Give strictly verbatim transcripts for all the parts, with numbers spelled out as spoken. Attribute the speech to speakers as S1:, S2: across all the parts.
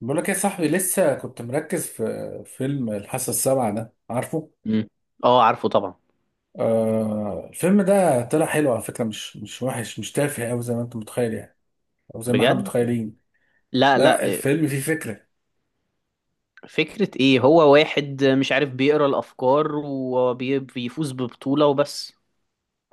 S1: بقول لك يا صاحبي، لسه كنت مركز في فيلم الحاسة السابعة ده، عارفه؟
S2: مم. اه، عارفه طبعا.
S1: آه، الفيلم ده طلع حلو على فكرة، مش مش وحش، مش تافه أوي زي ما أنت متخيل يعني. أو زي ما إحنا
S2: بجد؟
S1: متخيلين.
S2: لا، لا،
S1: لا،
S2: إيه،
S1: الفيلم فيه فكرة.
S2: فكرة ايه؟ هو واحد مش عارف بيقرا الافكار وبيفوز ببطولة وبس.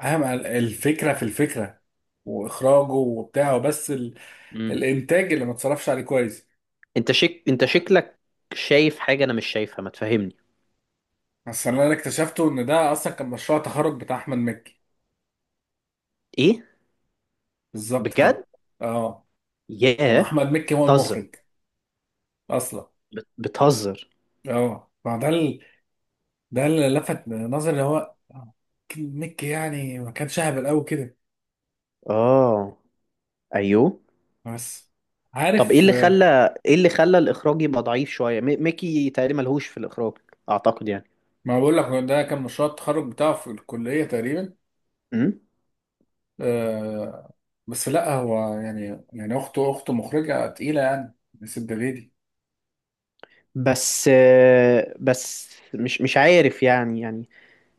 S1: أهم ال- الفكرة في الفكرة، وإخراجه وبتاعه، بس ال...
S2: مم.
S1: الإنتاج اللي ما اتصرفش عليه كويس.
S2: انت شك انت شكلك شايف حاجة انا مش شايفها. ما تفهمني؟
S1: بس اللي أنا اكتشفته إن ده أصلا كان مشروع تخرج بتاع أحمد مكي،
S2: ايه؟
S1: بالظبط كده.
S2: بجد؟
S1: أه.
S2: ياه.
S1: وأحمد مكي هو
S2: بتهزر.
S1: المخرج أصلا.
S2: بت- بتهزر.
S1: أه، ما ده، ده اللي لفت نظري، اللي هو نيك يعني، ما كانش اهبل قوي كده،
S2: اه. ايوه.
S1: بس.
S2: طب ايه
S1: عارف؟
S2: اللي
S1: آه،
S2: خلى ايه اللي خلى الاخراج يبقى ضعيف شوية، مي- ميكي تقريبا ملهوش في الاخراج، اعتقد يعني.
S1: ما بقول لك ده كان مشروع التخرج بتاعه في الكلية تقريبا.
S2: مم.
S1: آه. بس لا، هو يعني يعني اخته اخته مخرجة تقيلة يعني. نسيب دي.
S2: بس آه، بس مش مش عارف يعني يعني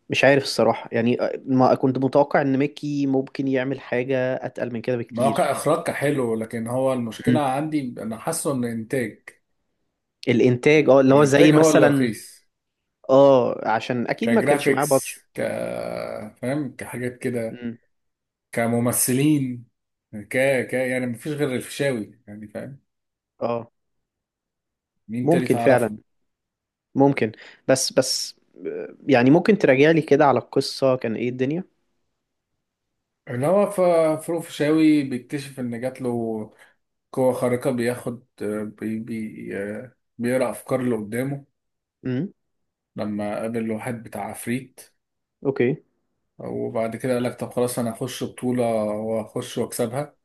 S2: مش عارف الصراحة يعني، آه، ما كنت متوقع ان ميكي ممكن يعمل حاجة اتقل من كده
S1: ما هو
S2: بكتير.
S1: كإخراج كان حلو، لكن هو المشكلة
S2: مم.
S1: عندي، انا حاسه ان انتاج،
S2: الانتاج، اه اللي هو زي
S1: الانتاج هو اللي
S2: مثلا.
S1: رخيص.
S2: اه، عشان اكيد ما كانش معاه
S1: كجرافيكس،
S2: بادجت.
S1: ك فاهم، كحاجات كده،
S2: مم.
S1: كممثلين، ك ك يعني مفيش غير الفيشاوي يعني، فاهم؟
S2: اه،
S1: مين تاني
S2: ممكن
S1: تعرفه؟
S2: فعلا. ممكن. بس بس آه، يعني ممكن تراجع لي كده على القصة، كان ايه الدنيا.
S1: اللي هو ف- فروق فيشاوي بيكتشف ان جات له قوة خارقة، بياخد، آه، بي بي آه، بيقرأ افكار اللي قدامه،
S2: مم.
S1: لما قابل واحد بتاع عفريت.
S2: اوكي.
S1: وبعد كده قال لك: طب خلاص، انا هخش بطولة واخش واكسبها.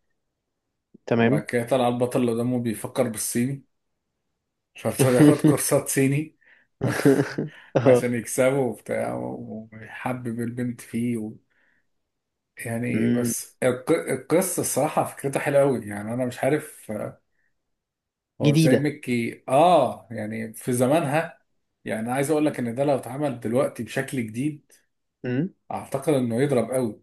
S1: وبعد
S2: تمام.
S1: كده طلع البطل اللي قدامه بيفكر بالصيني، فابتدى ياخد كورسات صيني
S2: اه.
S1: عشان يكسبه وبتاع، ويحبب البنت فيه و... يعني
S2: مم.
S1: بس الق- القصة، الصراحة فكرتها حلوة أوي، يعني أنا مش عارف هو ازاي
S2: جديدة.
S1: مكي اه يعني في زمانها. يعني عايز اقول لك ان ده لو اتعمل دلوقتي بشكل جديد،
S2: مم.
S1: اعتقد انه يضرب قوي،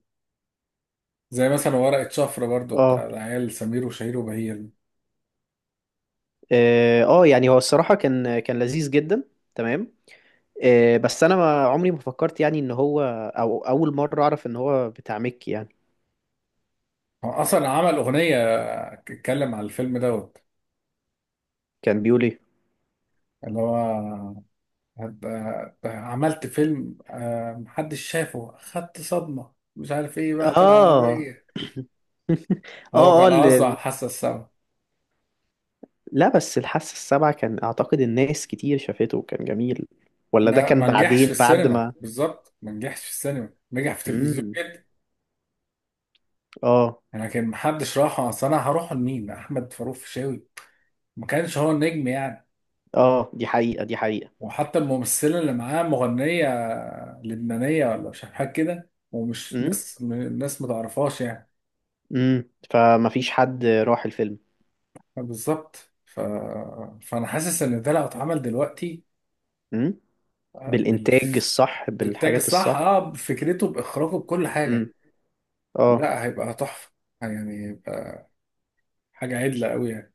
S1: زي مثلا ورقة شفرة، برضو
S2: اه،
S1: بتاع العيال سمير وشهير وبهير دي.
S2: اه، آه، يعني هو الصراحة كان كان لذيذ جدا. تمام. آه، بس انا ما عمري ما فكرت يعني ان هو، او اول مره اعرف ان هو بتاع مكي يعني.
S1: هو اصلا عمل اغنية اتكلم على الفيلم دوت.
S2: كان بيقول ايه؟
S1: اللي هو هبقى- عملت فيلم، آه، محدش شافه، خدت صدمة، مش عارف ايه بقى
S2: اه.
S1: العربية.
S2: اه،
S1: هو
S2: اه،
S1: كان قصده على
S2: ال-
S1: الحاسة السابعة.
S2: لا، بس الحاسة السابعة كان اعتقد الناس كتير شافته وكان جميل، ولا ده
S1: ما
S2: كان
S1: ما نجحش في
S2: بعدين بعد
S1: السينما،
S2: ما.
S1: بالظبط، ما نجحش في السينما، نجح في التلفزيون.
S2: امم. اه.
S1: انا، كان محدش راح، اصل انا هروح لمين؟ احمد فاروق فيشاوي؟ ما كانش هو النجم يعني.
S2: اه، دي حقيقة دي حقيقة.
S1: وحتى الممثله اللي معاه مغنيه لبنانيه، ولا مش عارف حاجه كده، ومش
S2: امم.
S1: ناس، الناس ما تعرفهاش يعني.
S2: امم، فما فيش حد راح الفيلم.
S1: بالظبط ف... فانا حاسس ان ده لو اتعمل دلوقتي
S2: امم.
S1: بال...
S2: بالانتاج الصح،
S1: بالإنتاج
S2: بالحاجات
S1: الصح،
S2: الصح.
S1: اه بفكرته، باخراجه، بكل
S2: امم.
S1: حاجه،
S2: اه.
S1: لا هيبقى تحفه، يعني هيبقى حاجه عدله قوي يعني.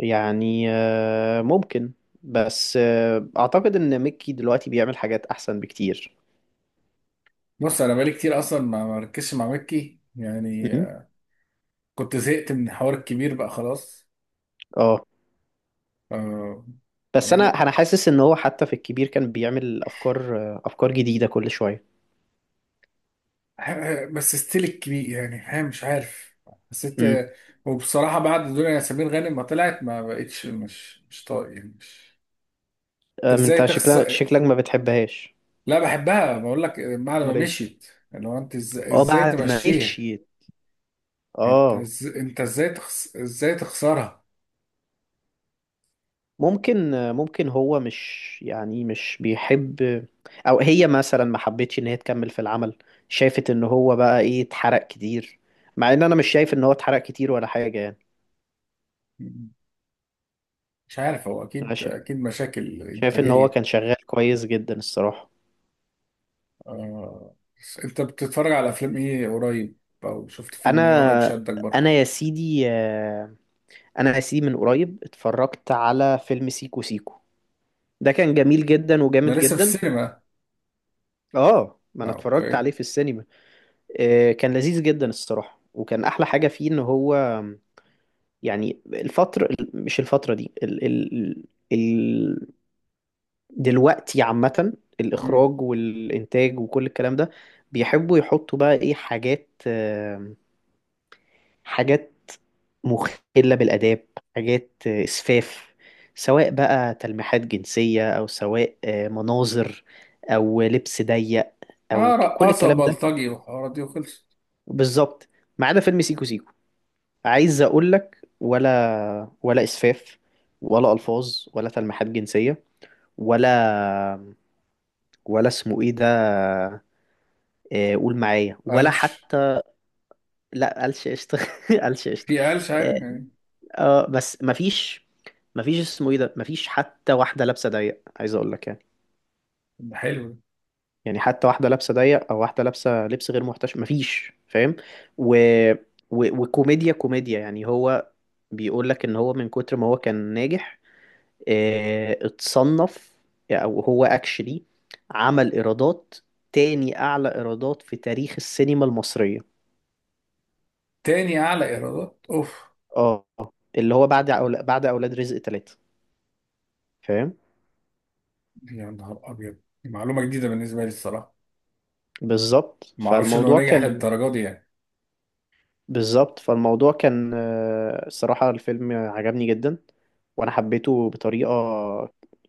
S2: يعني آه، ممكن. بس آه، اعتقد ان ميكي دلوقتي بيعمل حاجات احسن بكتير.
S1: بص، انا بقالي كتير اصلا ما مركزش مع مكي يعني،
S2: مم.
S1: كنت زهقت من الحوار الكبير بقى خلاص.
S2: اه،
S1: آه
S2: بس انا
S1: يعني،
S2: انا حاسس ان هو حتى في الكبير كان بيعمل افكار، آه، افكار جديده كل شويه.
S1: ه- ه- بس ستيل الكبير يعني، ها مش عارف، حسيت.
S2: امم.
S1: وبصراحة، بعد دنيا ياسمين غانم ما طلعت، ما بقتش، مش مش طايق يعني، مش. انت ازاي
S2: انت شكلك
S1: تخسر؟
S2: شكلك ما بتحبهاش.
S1: لا، بحبها، بقول لك بعد ما
S2: امال ايه؟
S1: مشيت. لو انت إز-
S2: اه،
S1: ازاي
S2: بعد ما
S1: تمشيها؟
S2: مشيت.
S1: انت
S2: اه.
S1: إز- انت ازاي تخس... ازاي تخسرها؟
S2: ممكن آه، ممكن هو مش يعني مش بيحب، او هي مثلا ما حبتش ان هي تكمل في العمل. شافت ان هو بقى ايه، اتحرق كتير، مع ان انا مش شايف ان هو اتحرق كتير ولا حاجه يعني.
S1: مش عارف، هو
S2: أنا
S1: اكيد
S2: شا-
S1: اكيد مشاكل
S2: شايف ان هو
S1: انتاجية.
S2: كان شغال كويس جدا الصراحة.
S1: آه. بس انت بتتفرج على افلام ايه قريب؟ او شفت
S2: انا
S1: فيلم ايه قريب شدك برضه؟
S2: انا يا سيدي، آه، انا يا سيدي من قريب اتفرجت على فيلم سيكو سيكو. ده كان جميل جدا
S1: انا
S2: وجامد
S1: لسه في
S2: جدا.
S1: السينما.
S2: اه، ما
S1: آه،
S2: انا اتفرجت
S1: اوكي.
S2: عليه في السينما. آه، كان لذيذ جدا الصراحة، وكان احلى حاجة فيه ان هو يعني الفترة، مش الفترة دي، ال ال ال دلوقتي عامة،
S1: مم.
S2: الإخراج والإنتاج وكل الكلام ده بيحبوا يحطوا بقى إيه، حاجات آه، حاجات مخلة بالآداب، حاجات آه، إسفاف، سواء بقى تلميحات جنسية، أو سواء آه، مناظر، أو لبس ضيق، أو
S1: اه،
S2: ك- كل
S1: رقاصة
S2: الكلام ده.
S1: بلطجي والحوارات دي، وخلصت.
S2: بالظبط. ما عدا فيلم سيكو سيكو، عايز أقولك ولا ولا إسفاف، ولا ألفاظ، ولا تلميحات جنسية، ولا ولا اسمه إيه ده، آه، قول معايا، ولا
S1: قلش.
S2: حتى. لا، قالش قشطة. قالش قشطة.
S1: في قلش
S2: آه.
S1: عادي يعني.
S2: اه بس مفيش، مفيش اسمه ايه ده، مفيش حتى واحدة لابسة ضيق، عايز اقول لك يعني.
S1: ده حلو ده.
S2: يعني حتى واحدة لابسة ضيق او واحدة لابسة لبس غير محتشم مفيش، فاهم؟ و... و... وكوميديا، كوميديا، يعني هو بيقول لك ان هو من كتر ما هو كان ناجح اه... اتصنف، او هو اكشلي، عمل ايرادات تاني اعلى ايرادات في تاريخ السينما المصرية.
S1: تاني اعلى ايرادات؟ اوف.
S2: اه. اللي هو بعد أول... بعد اولاد رزق ثلاثة. فاهم.
S1: يا نهار ابيض، دي معلومة جديدة بالنسبة لي الصراحة،
S2: بالظبط
S1: ما اعرفش انه
S2: فالموضوع
S1: ناجح
S2: كان
S1: للدرجة دي يعني.
S2: بالظبط فالموضوع كان آه، الصراحة الفيلم عجبني جدا، وأنا حبيته بطريقة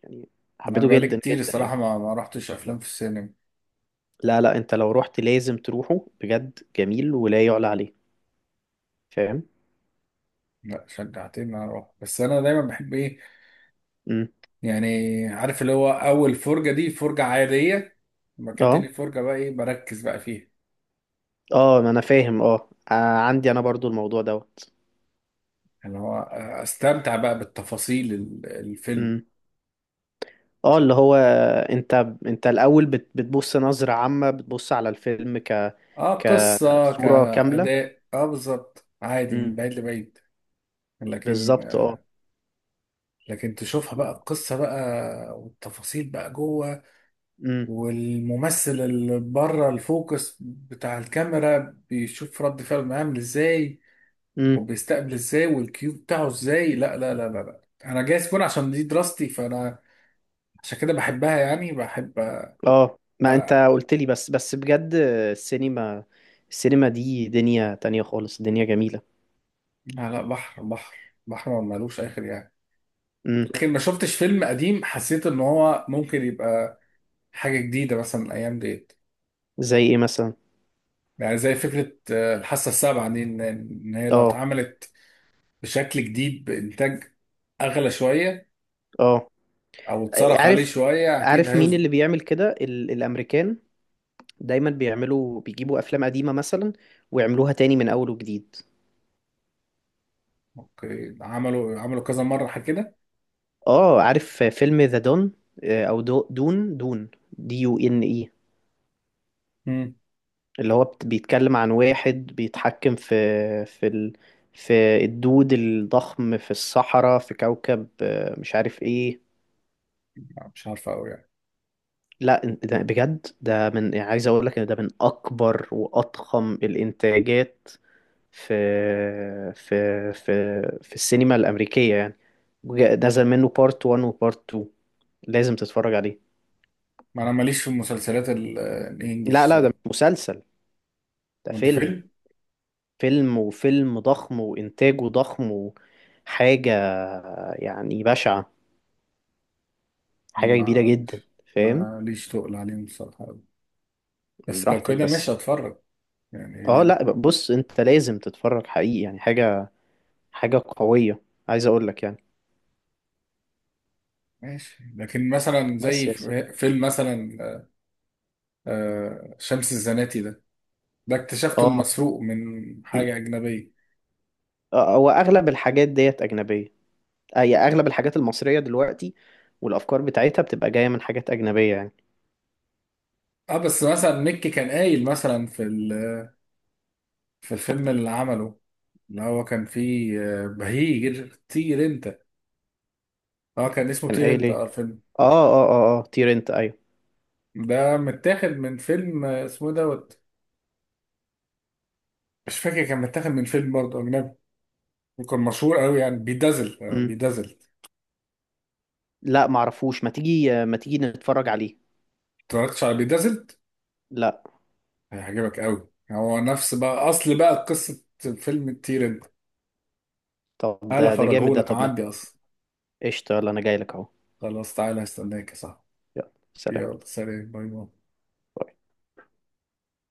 S2: يعني،
S1: انا
S2: حبيته
S1: بقالي
S2: جدا
S1: كتير،
S2: جدا يعني.
S1: الصراحة ما, ما رحتش افلام في السينما.
S2: لا، لا، أنت لو رحت لازم تروحه، بجد جميل ولا يعلى عليه. فاهم؟
S1: لا، شجعتني ان انا اروح، بس انا دايما بحب ايه
S2: امم.
S1: يعني، عارف اللي هو اول فرجة دي فرجة عادية، لما كانت تاني
S2: اه،
S1: فرجة بقى ايه، بركز بقى فيها،
S2: اه، ما أنا فاهم، اه آه، عندي أنا برضو الموضوع دوت.
S1: اللي هو آه، استمتع بقى بالتفاصيل ال- الفيلم.
S2: امم. اه، اللي هو أنت، أنت الأول بت- بتبص نظرة عامة، بتبص على الفيلم ك
S1: اه قصة
S2: كصورة كاملة.
S1: كأداء، اه بالظبط، عادي، من
S2: امم.
S1: بعيد لبعيد. لكن،
S2: بالظبط اه.
S1: لكن تشوفها بقى القصة بقى والتفاصيل بقى جوه، والممثل اللي بره الفوكس بتاع الكاميرا بيشوف رد فعله عامل ازاي،
S2: امم.
S1: وبيستقبل ازاي، والكيو بتاعه ازاي. لا لا لا لا, لا. انا جايز فون عشان دي دراستي، فانا عشان كده بحبها، يعني بحب.
S2: اه، ما انت
S1: آه
S2: قلت لي بس بس بجد، السينما السينما دي دنيا تانية خالص، دنيا جميلة.
S1: لا، لا، بحر بحر، بحر ما ملوش اخر يعني.
S2: امم.
S1: لكن ما شفتش فيلم قديم حسيت ان هو ممكن يبقى حاجة جديدة، مثلا الأيام ديت.
S2: زي ايه مثلا؟
S1: يعني زي فكرة، آه، الحاسة السابعة دي، إن إن هي لو
S2: اه.
S1: اتعملت بشكل جديد بإنتاج أغلى شوية،
S2: اه،
S1: أو اتصرف عليه
S2: عارف،
S1: شوية، أكيد
S2: عارف مين اللي
S1: هيظبط.
S2: بيعمل كده، ال الامريكان دايما بيعملوا، بيجيبوا افلام قديمة مثلا ويعملوها تاني من اول وجديد.
S1: أوكي، عملوا عملوا كذا مرة حاجة كده.
S2: اه عارف فيلم ذا دون، او دو دون دون، دي يو ان اي،
S1: مم.
S2: اللي هو بت- بيتكلم عن واحد بيتحكم في، في ال... في الدود الضخم في الصحراء، في كوكب آه، مش عارف ايه.
S1: لا، مش عارفة أوي يعني.
S2: لا، إن- ده بجد ده، من يعني، عايز اقول لك ان ده من اكبر واضخم الانتاجات في، في، في في السينما الامريكيه يعني. وجا- نزل منه بارت واحد وبارت اتنين، لازم تتفرج عليه.
S1: ما أنا ماليش في المسلسلات ال- آه،
S2: لا،
S1: الإنجليش
S2: لا، ده
S1: صراحة.
S2: مش مسلسل، ده
S1: وأنت
S2: فيلم،
S1: فيلم؟
S2: فيلم، وفيلم ضخم وإنتاجه ضخم، وحاجة يعني بشعة، حاجة كبيرة جدا،
S1: ماليش،
S2: فاهم.
S1: ماليش تقل عليهم الصراحة أوي، بس لو
S2: براحتك
S1: كده
S2: بس.
S1: ماشي أتفرج، يعني ليه
S2: اه،
S1: لأ.
S2: لا، بص انت لازم تتفرج، حقيقي يعني، حاجة، حاجة قوية، عايز اقول لك يعني.
S1: ماشي، لكن مثلا
S2: بس
S1: زي
S2: يا
S1: ف-
S2: سيدي.
S1: فيلم مثلا، آه، آه، شمس الزناتي ده، ده اكتشفته
S2: اه
S1: المسروق من
S2: م.
S1: حاجة أجنبية.
S2: آه، هو اغلب الحاجات ديت اجنبية، اي اغلب الحاجات المصرية دلوقتي والافكار بتاعتها بتبقى جاية من حاجات اجنبية يعني.
S1: اه بس مثلا ميكي كان قايل مثلا في ال- في الفيلم اللي عمله، اللي هو كان فيه آه، بهيج طير انت. اه، كان اسمه
S2: كان
S1: طير
S2: قايل
S1: انت،
S2: ايه؟
S1: اه الفيلم
S2: اه، اه، اه، اه، تير انت، ايوه.
S1: ده متاخد من فيلم، آه، اسمه إيه دوت. مش فاكر، كان متاخد من فيلم برضه أجنبي، وكان مشهور قوي يعني، بيدازل، آه،
S2: مم.
S1: بيدازل.
S2: لا، معرفوش، ما تيجي، ما تيجي نتفرج عليه.
S1: اتفرجتش على بيدازل؟
S2: لا.
S1: هيعجبك قوي، هو نفس بقى أصل بقى قصة فيلم الطير انت.
S2: طب
S1: تعالى
S2: ده ده جامد ده،
S1: أفرجهولك
S2: طب ما.
S1: عندي أصلا.
S2: قشطة، يلا انا جاي لك اهو.
S1: خلاص تعالى، هستناك يا صاحبي.
S2: يلا سلام.
S1: يلا سلام، باي باي.
S2: باي.